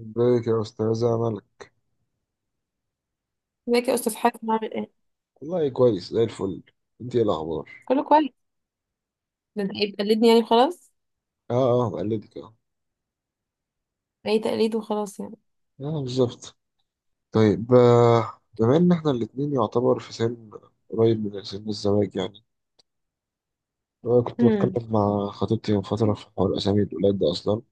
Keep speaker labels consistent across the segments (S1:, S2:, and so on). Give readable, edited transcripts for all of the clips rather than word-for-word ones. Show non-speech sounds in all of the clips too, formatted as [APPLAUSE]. S1: ازيك يا استاذة ملك.
S2: ازيك يا استاذ حاتم، عامل ايه؟
S1: والله كويس زي الفل. انت ايه الاخبار؟
S2: كله كويس. ده انت ايه بتقلدني يعني؟ خلاص.
S1: اه. اه بقلدك اه.
S2: اي تقليد وخلاص يعني.
S1: اه بالظبط. طيب بما ان احنا الاتنين يعتبر في سن قريب من سن الزواج يعني. انا كنت
S2: امم
S1: بتكلم مع خطيبتي من فترة في حوار اسامي الولاد ده اصلا.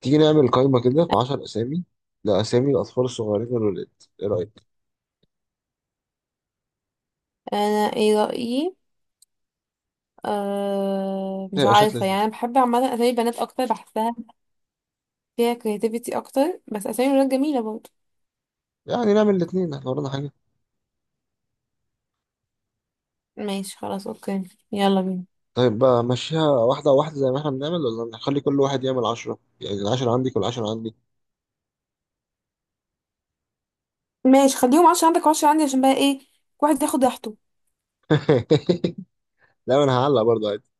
S1: تيجي نعمل قائمة كده في 10 اسامي لاسامي الاطفال الصغيرين الولاد. ايه رايك؟
S2: انا ايه رايي؟ مش
S1: هيبقى شكل
S2: عارفه يعني.
S1: لذيذ.
S2: انا بحب عامه اسامي بنات اكتر، بحسها فيها كرياتيفيتي اكتر، بس اسامي الولاد جميله برضه.
S1: يعني نعمل الاتنين احنا ورانا حاجة.
S2: ماشي خلاص، اوكي. يلا بينا.
S1: طيب بقى مشيها واحدة واحدة زي ما احنا بنعمل ولا نخلي كل واحد يعمل عشرة، يعني العشرة عندك والعشرة عندي.
S2: ماشي، خليهم 10 عندك وعشرة عندي، عشان بقى ايه؟ كل واحد ياخد راحته.
S1: [LAUGHS] لا انا هعلق برضه عادي.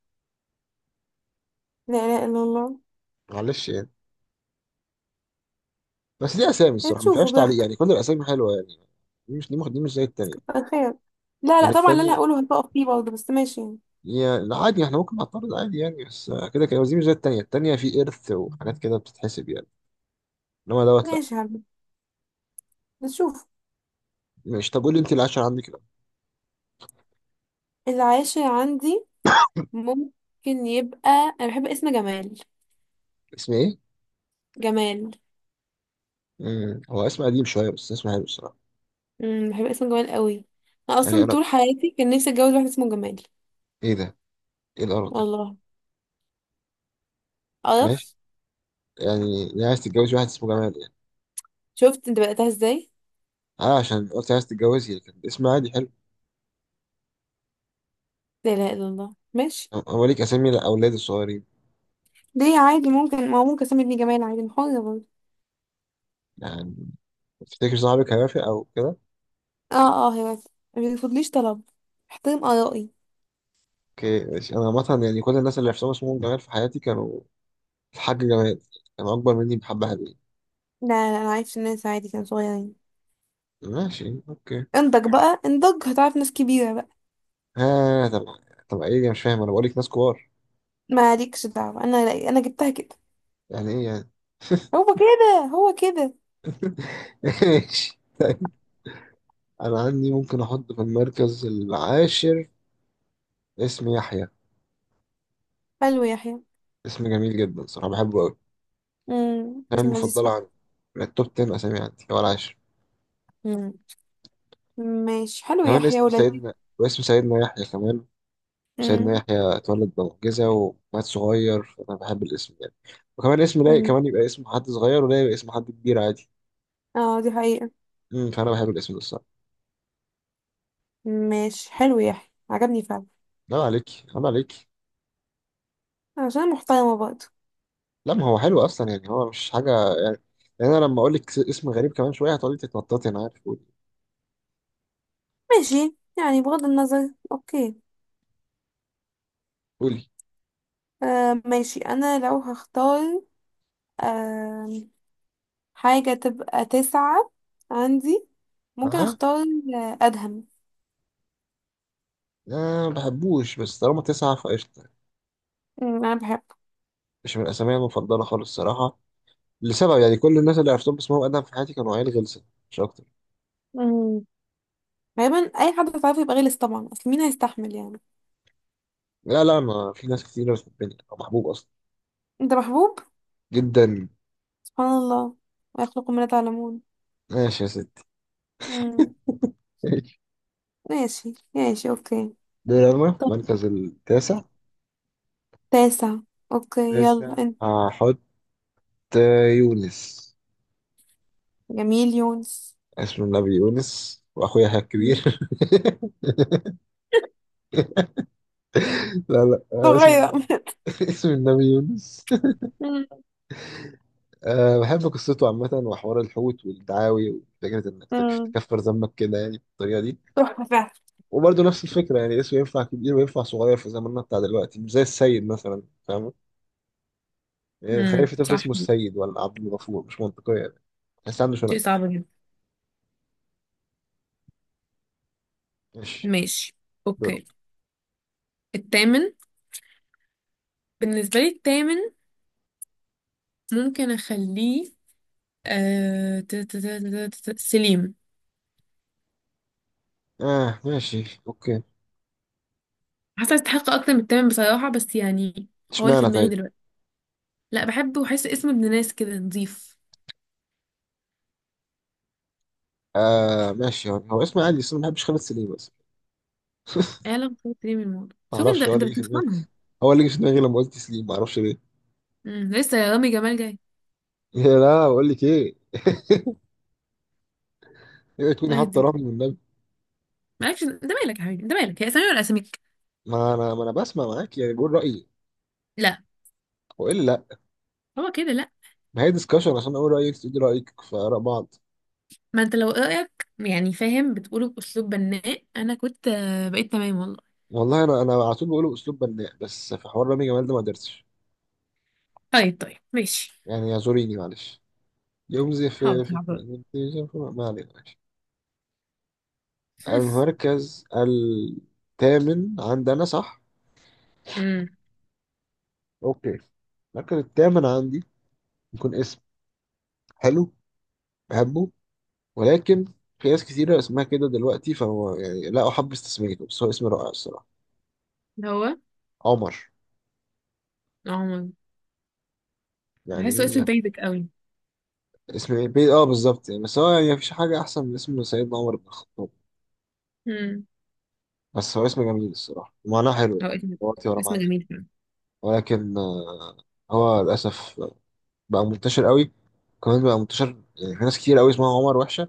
S2: لا لا الا الله.
S1: معلش يعني. بس دي اسامي
S2: إيه،
S1: الصراحه ما
S2: تشوفوا
S1: فيهاش تعليق،
S2: براحتك.
S1: يعني كل الاسامي حلوه يعني. دي مش زي التانيه.
S2: كتر خير. لا لا
S1: يعني
S2: طبعا اللي انا
S1: التانيه
S2: هقوله هتقف فيه برضه، بس ماشي يعني.
S1: هي لا عادي احنا ممكن نعترض عادي يعني، بس كده كده. بس دي مش زي التانيه، التانيه في ارث وحاجات كده بتتحسب يعني. انما دوت لا.
S2: ماشي يا حبيبي، نشوف.
S1: ماشي. طب قول لي انت العشرة عندك، لا.
S2: العاشر عندي ممكن يبقى انا بحب اسم جمال.
S1: اسم ايه؟
S2: جمال.
S1: امم، هو اسم قديم شويه بس اسم حلو الصراحه.
S2: بحب اسم جمال قوي. انا
S1: يعني
S2: اصلا
S1: انا
S2: طول حياتي كان نفسي اتجوز واحد اسمه جمال.
S1: ايه ده؟ ايه القرف ده؟
S2: والله.
S1: ماشي.
S2: قرف.
S1: يعني ليه عايز تتجوز واحد اسمه جمال يعني؟
S2: شفت انت بدأتها ازاي؟
S1: اه عشان قلت عايز تتجوزي، لكن اسم عادي حلو.
S2: لا اله الا الله، ماشي.
S1: هو ليك اسامي الاولاد الصغيرين؟
S2: ليه؟ عادي، ممكن ما هو ممكن اسمي ابني جمال عادي، أنا حرة برضه.
S1: يعني تفتكر صاحبك هيوافق او كده؟
S2: اه اه، هي بس ما بيرفضليش طلب، احترم ارائي.
S1: اوكي ماشي. انا عامه يعني كل الناس اللي حسام اسمهم جمال في حياتي كانوا، الحاج جمال، كانوا اكبر مني بحبة حلوين.
S2: لا لا، انا عايش في الناس عادي، كانوا صغيرين.
S1: ماشي اوكي.
S2: انضج بقى، انضج هتعرف ناس كبيرة بقى.
S1: ها طب، طب ايه؟ يا مش فاهم، انا بقولك ناس كبار.
S2: مالكش دعوة، انا جبتها كده.
S1: يعني ايه يعني؟
S2: هو كده، هو كده.
S1: [LAUGHS] ماشي طيب. انا عندي ممكن احط في المركز العاشر اسم يحيى.
S2: حلو يا يحيى.
S1: اسم جميل جدا صراحه، بحبه قوي.
S2: بس
S1: كان
S2: لذيذ
S1: مفضله
S2: فعلا.
S1: عندي من التوب 10 اسامي عندي، هو العاشر.
S2: مم. ماشي، حلو
S1: كمان
S2: يحيى
S1: اسم
S2: ولذيذ.
S1: سيدنا، واسم سيدنا يحيى كمان. وسيدنا
S2: مم.
S1: يحيى اتولد بمعجزة ومات صغير، فأنا بحب الاسم يعني. وكمان اسم لايق،
S2: مم.
S1: كمان يبقى اسم حد صغير ولا يبقى اسم حد كبير عادي.
S2: اه، دي حقيقة.
S1: امم، فأنا بحب الاسم ده الصراحة.
S2: ماشي حلو، يحيى عجبني فعلا.
S1: لا عليك، لا عليك.
S2: عشان محترمة برضه.
S1: لا ما هو حلو أصلا يعني، هو مش حاجة يعني. يعني أنا لما أقول لك اسم غريب كمان شوية هتقعدي تتنططي، أنا عارف. قولي.
S2: ماشي يعني، بغض النظر، اوكي.
S1: قولي.
S2: ماشي، انا لو هختار آه حاجة تبقى تسعة عندي. ممكن
S1: أه.
S2: اختار ادهم.
S1: أنا ما بحبوش، بس طالما تسعة فقشطة.
S2: مم، انا بحبه.
S1: مش من الأسامي المفضلة خالص الصراحة، لسبب. يعني كل الناس اللي عرفتهم باسمهم أدهم في حياتي كانوا عيال غلسة، مش أكتر.
S2: مم. غالبا اي حد هتعرفه يبقى غلس طبعا، اصل مين هيستحمل يعني؟
S1: لا لا، أنا في ناس كتير بتحبني، أو محبوب أصلا.
S2: انت محبوب.
S1: جدا.
S2: سبحان الله، ويخلق ما لا تعلمون.
S1: ماشي يا سيدي.
S2: مم.
S1: ماشي.
S2: ماشي ماشي اوكي.
S1: دوري أنا،
S2: طب
S1: المركز التاسع.
S2: تاسع، اوكي يلا
S1: تاسع
S2: انت.
S1: هحط يونس.
S2: جميل يونس.
S1: اسم النبي يونس، وأخويا
S2: مم.
S1: الكبير. [LAUGHS] لا لا، اسم
S2: صغيرة.
S1: النبي. [LAUGHS] اسم النبي يونس.
S2: مم.
S1: أه بحب قصته عامة، وحوار الحوت والدعاوي، وفكرة إنك
S2: مم.
S1: تكفر ذنبك كده يعني بالطريقة دي.
S2: تحفة فعلا.
S1: وبرضه نفس الفكرة، يعني اسمه ينفع كبير وينفع صغير في زماننا بتاع دلوقتي، مش زي السيد مثلا. فاهم؟ يعني تخيل في طفل
S2: صح.
S1: اسمه السيد ولا عبد الغفور، مش منطقية يعني. بس عنده
S2: شيء
S1: شنب.
S2: صعب جدا.
S1: ماشي.
S2: ماشي اوكي. التامن، بالنسبة لي التامن ممكن اخليه سليم.
S1: اه ماشي اوكي.
S2: حاسة يستحق اكتر من التامن بصراحة، بس يعني هو اللي في
S1: اشمعنى
S2: دماغي
S1: طيب؟
S2: دلوقتي. لا بحبه، وحاسه اسمه ابن ناس كده، نظيف.
S1: آه ماشي، هو اسمه عادي، بس أنا ما بحبش خالد سليم بس. [LAUGHS]
S2: اعلم خير سليم الموضوع،
S1: ما
S2: شوف انت
S1: اعرفش، هو
S2: انت
S1: اللي جه في دماغي.
S2: بتفهمها.
S1: هو اللي جه في دماغي لما قلت سليم، ما اعرفش ليه. [LAUGHS]
S2: لسه يا رامي جمال جاي.
S1: يا لا بقول لك ايه. [LAUGHS] اوعي تكوني
S2: الله
S1: حاطه
S2: يهديك.
S1: رقم من النبي.
S2: مالكش، انت مالك يا حبيبي، انت مالك. هي اسامي ولا اساميك؟
S1: ما انا بسمع معاك يعني بقول رايي.
S2: لا.
S1: والا لا؟
S2: هو كده لا.
S1: ما هي ديسكشن عشان اقول رايك تقولي رايك في اراء بعض.
S2: ما انت لو رايك يعني فاهم بتقوله باسلوب بناء، انا كنت بقيت تمام والله.
S1: والله انا على طول بقوله باسلوب بناء، بس في حوار رامي جمال ده ما قدرتش
S2: طيب طيب ماشي.
S1: يعني. اعذريني معلش. يوم زي
S2: حاضر حاضر.
S1: ما علينا.
S2: [LAUGHS]
S1: المركز الثامن عندنا صح؟
S2: امم
S1: اوكي. المركز الثامن عندي يكون اسم حلو بحبه، ولكن في ناس كتيرة اسمها كده دلوقتي، فهو يعني لا أحبذ تسميته، بس هو اسم رائع الصراحة.
S2: ده هو
S1: عمر.
S2: عمر. بحسه
S1: يعني
S2: اسم بيزك قوي.
S1: اسم اه بالظبط يعني. بس هو يعني مفيش حاجة أحسن من اسم سيدنا عمر بن الخطاب.
S2: امم
S1: بس هو اسم جميل الصراحة، ومعناه حلو
S2: هو
S1: يعني.
S2: اسم
S1: دلوقتي ورا معناه.
S2: جميل فعلا.
S1: ولكن هو للأسف بقى منتشر قوي. كمان بقى منتشر، يعني في ناس كتير قوي اسمها عمر وحشة.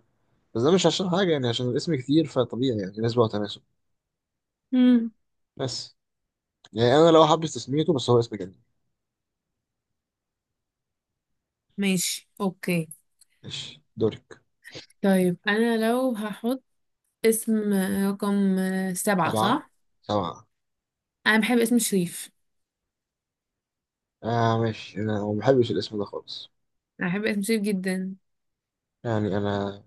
S1: بس ده مش عشان حاجة، يعني عشان الاسم كتير فطبيعي يعني، نسبة وتناسب.
S2: امم
S1: بس يعني أنا لو حابب تسميته، بس هو اسم جميل.
S2: ماشي اوكي.
S1: ماشي دورك.
S2: طيب انا لو هحط اسم رقم سبعة،
S1: سبعة،
S2: صح؟
S1: سبعة.
S2: انا بحب اسم شريف.
S1: آه ماشي، أنا ما بحبش الاسم ده خالص.
S2: انا بحب اسم شريف جدا.
S1: يعني أنا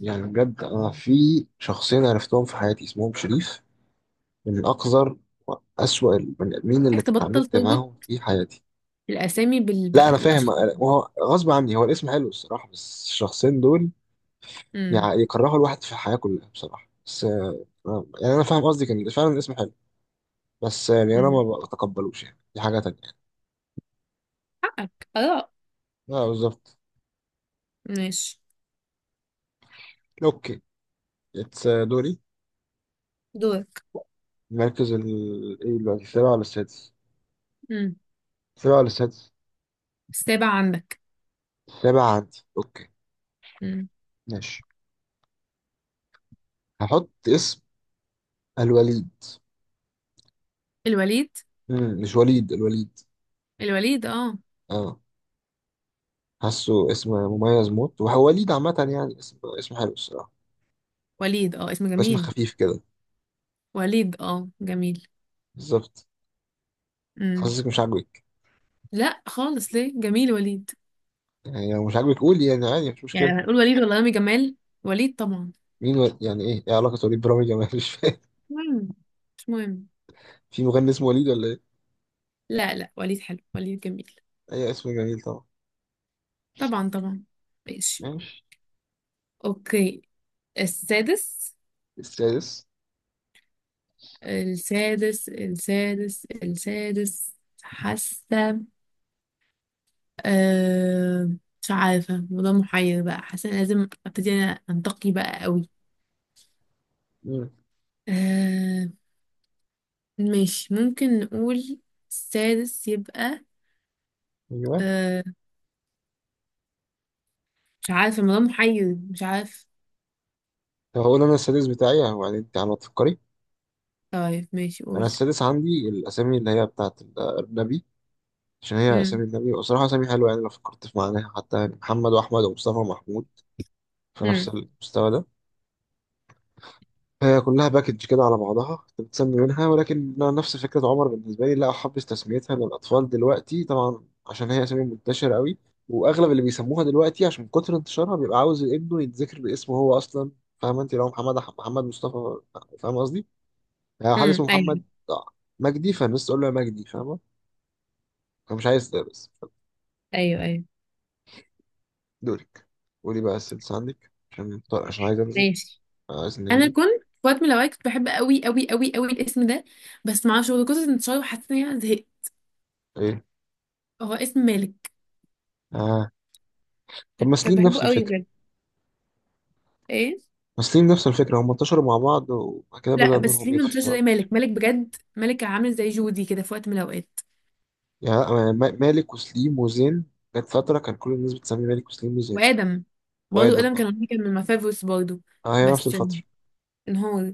S1: يعني بجد أنا في شخصين عرفتهم في حياتي اسمهم شريف، من أقذر وأسوأ البني آدمين اللي
S2: محتاج تبطل
S1: اتعاملت
S2: تربط
S1: معاهم في حياتي.
S2: الاسامي
S1: لا أنا فاهم،
S2: بالاشخاص.
S1: وهو غصب عني، هو الاسم حلو الصراحة، بس الشخصين دول
S2: امم
S1: يعني يكرهوا الواحد في الحياة كلها بصراحة. بس يعني أنا فاهم قصدي، كان فعلا الاسم حلو، بس يعني انا
S2: امم
S1: ما بتقبلوش يعني، دي حاجه تانية يعني.
S2: حقك آراء.
S1: اه بالظبط.
S2: ماشي
S1: اوكي. اتس دوري.
S2: دورك.
S1: المركز ال، ايه دلوقتي السابع ولا السادس؟
S2: امم
S1: السابع ولا السادس؟
S2: السابع عندك.
S1: السابع عندي اوكي.
S2: امم
S1: ماشي. هحط اسم الوليد.
S2: الوليد.
S1: مم. مش وليد، الوليد.
S2: الوليد، اه.
S1: اه. حاسه اسم مميز موت، وهو وليد عامه يعني. اسم حلو الصراحه.
S2: وليد، اه، اسم
S1: اسم
S2: جميل.
S1: خفيف كده.
S2: وليد، اه، جميل.
S1: بالظبط.
S2: امم
S1: حاسسك مش عاجبك.
S2: لا خالص، ليه؟ جميل وليد.
S1: يعني لو مش عاجبك قولي يعني عادي، مش
S2: يعني
S1: مشكله.
S2: لو هنقول وليد ولا رامي جمال؟ وليد طبعا.
S1: يعني ايه، ايه علاقه وليد برامج جمال؟ مش فاهم.
S2: مهم، مش مهم.
S1: [LAUGHS] في مغني اسمه وليد ولا ايه؟
S2: لا لا، وليد حلو، وليد جميل.
S1: اي اسم جميل طبعا.
S2: طبعا طبعا. ماشي
S1: ماشي.
S2: اوكي. السادس
S1: السادس.
S2: السادس حاسه أه، مش عارفة، الموضوع محير بقى. حاسة إن لازم ابتدي انا انتقي بقى قوي.
S1: مم.
S2: أه، ماشي ممكن نقول السادس يبقى
S1: ايوه.
S2: أه، مش عارفة، الموضوع محير، مش عارف.
S1: طب هقول انا السادس بتاعي يعني، انت على ما تفكري.
S2: طيب ماشي،
S1: انا
S2: قول.
S1: السادس عندي الاسامي اللي هي بتاعت النبي. عشان هي
S2: امم
S1: اسامي النبي، وصراحه اسامي حلوه يعني لو فكرت في معناها حتى. يعني محمد واحمد ومصطفى ومحمود في نفس
S2: امم
S1: المستوى ده. هي كلها باكج كده على بعضها بتتسمي منها. ولكن نفس فكرة عمر بالنسبة لي، لا أحبذ تسميتها للأطفال دلوقتي طبعا، عشان هي أسامي منتشرة قوي. وأغلب اللي بيسموها دلوقتي عشان من كتر انتشارها بيبقى عاوز ابنه يتذكر باسمه هو أصلا. فاهمة؟ أنت لو محمد محمد مصطفى، فاهمة قصدي؟ يعني حد
S2: امم
S1: اسمه
S2: ايوه
S1: محمد مجدي فالناس تقول له يا مجدي، فاهمة؟ أنا مش عايز ده بس.
S2: ايوه ايوه،
S1: دورك. قولي بقى السادس عندك، عشان عايز أنزل.
S2: ماشي.
S1: عايز
S2: انا
S1: ننجل.
S2: كنت في وقت من الاوقات كنت بحب قوي قوي قوي قوي الاسم ده، بس معرفش هو كنت انتشار وحسيت ان انا زهقت.
S1: إيه؟
S2: هو اسم مالك.
S1: آه. طب ما
S2: كنت
S1: سليم نفس
S2: بحبه قوي
S1: الفكرة.
S2: بجد. ايه؟
S1: وسليم نفس الفكرة، هم انتشروا مع بعض وبعد كده
S2: لا
S1: بدأ
S2: بس
S1: نورهم
S2: ليه
S1: يطفي
S2: منتشر
S1: طبعا.
S2: زي مالك؟ مالك بجد، مالك كان عامل زي جودي كده في وقت من الاوقات.
S1: يعني مالك وسليم وزين. كانت فترة كان كل الناس بتسمي مالك وسليم وزين.
S2: وادم برضه،
S1: وآدم
S2: ادم
S1: اه.
S2: كان من مفافوس برضه.
S1: آه، هي نفس
S2: بس
S1: الفترة.
S2: انهار.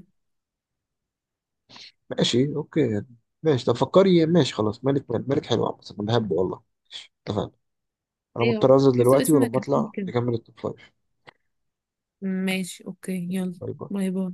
S1: ماشي اوكي يعني. ماشي طب فكري. ماشي خلاص، مالك مالك مالك، حلو عامة انا بحبه والله. ماشي اتفقنا. انا
S2: ايوه،
S1: مضطر انزل
S2: حاسه
S1: دلوقتي
S2: اسم
S1: ولما
S2: كتير
S1: اطلع
S2: كده.
S1: نكمل التوب فايف.
S2: ماشي اوكي، يلا.
S1: باي باي.
S2: باي باي.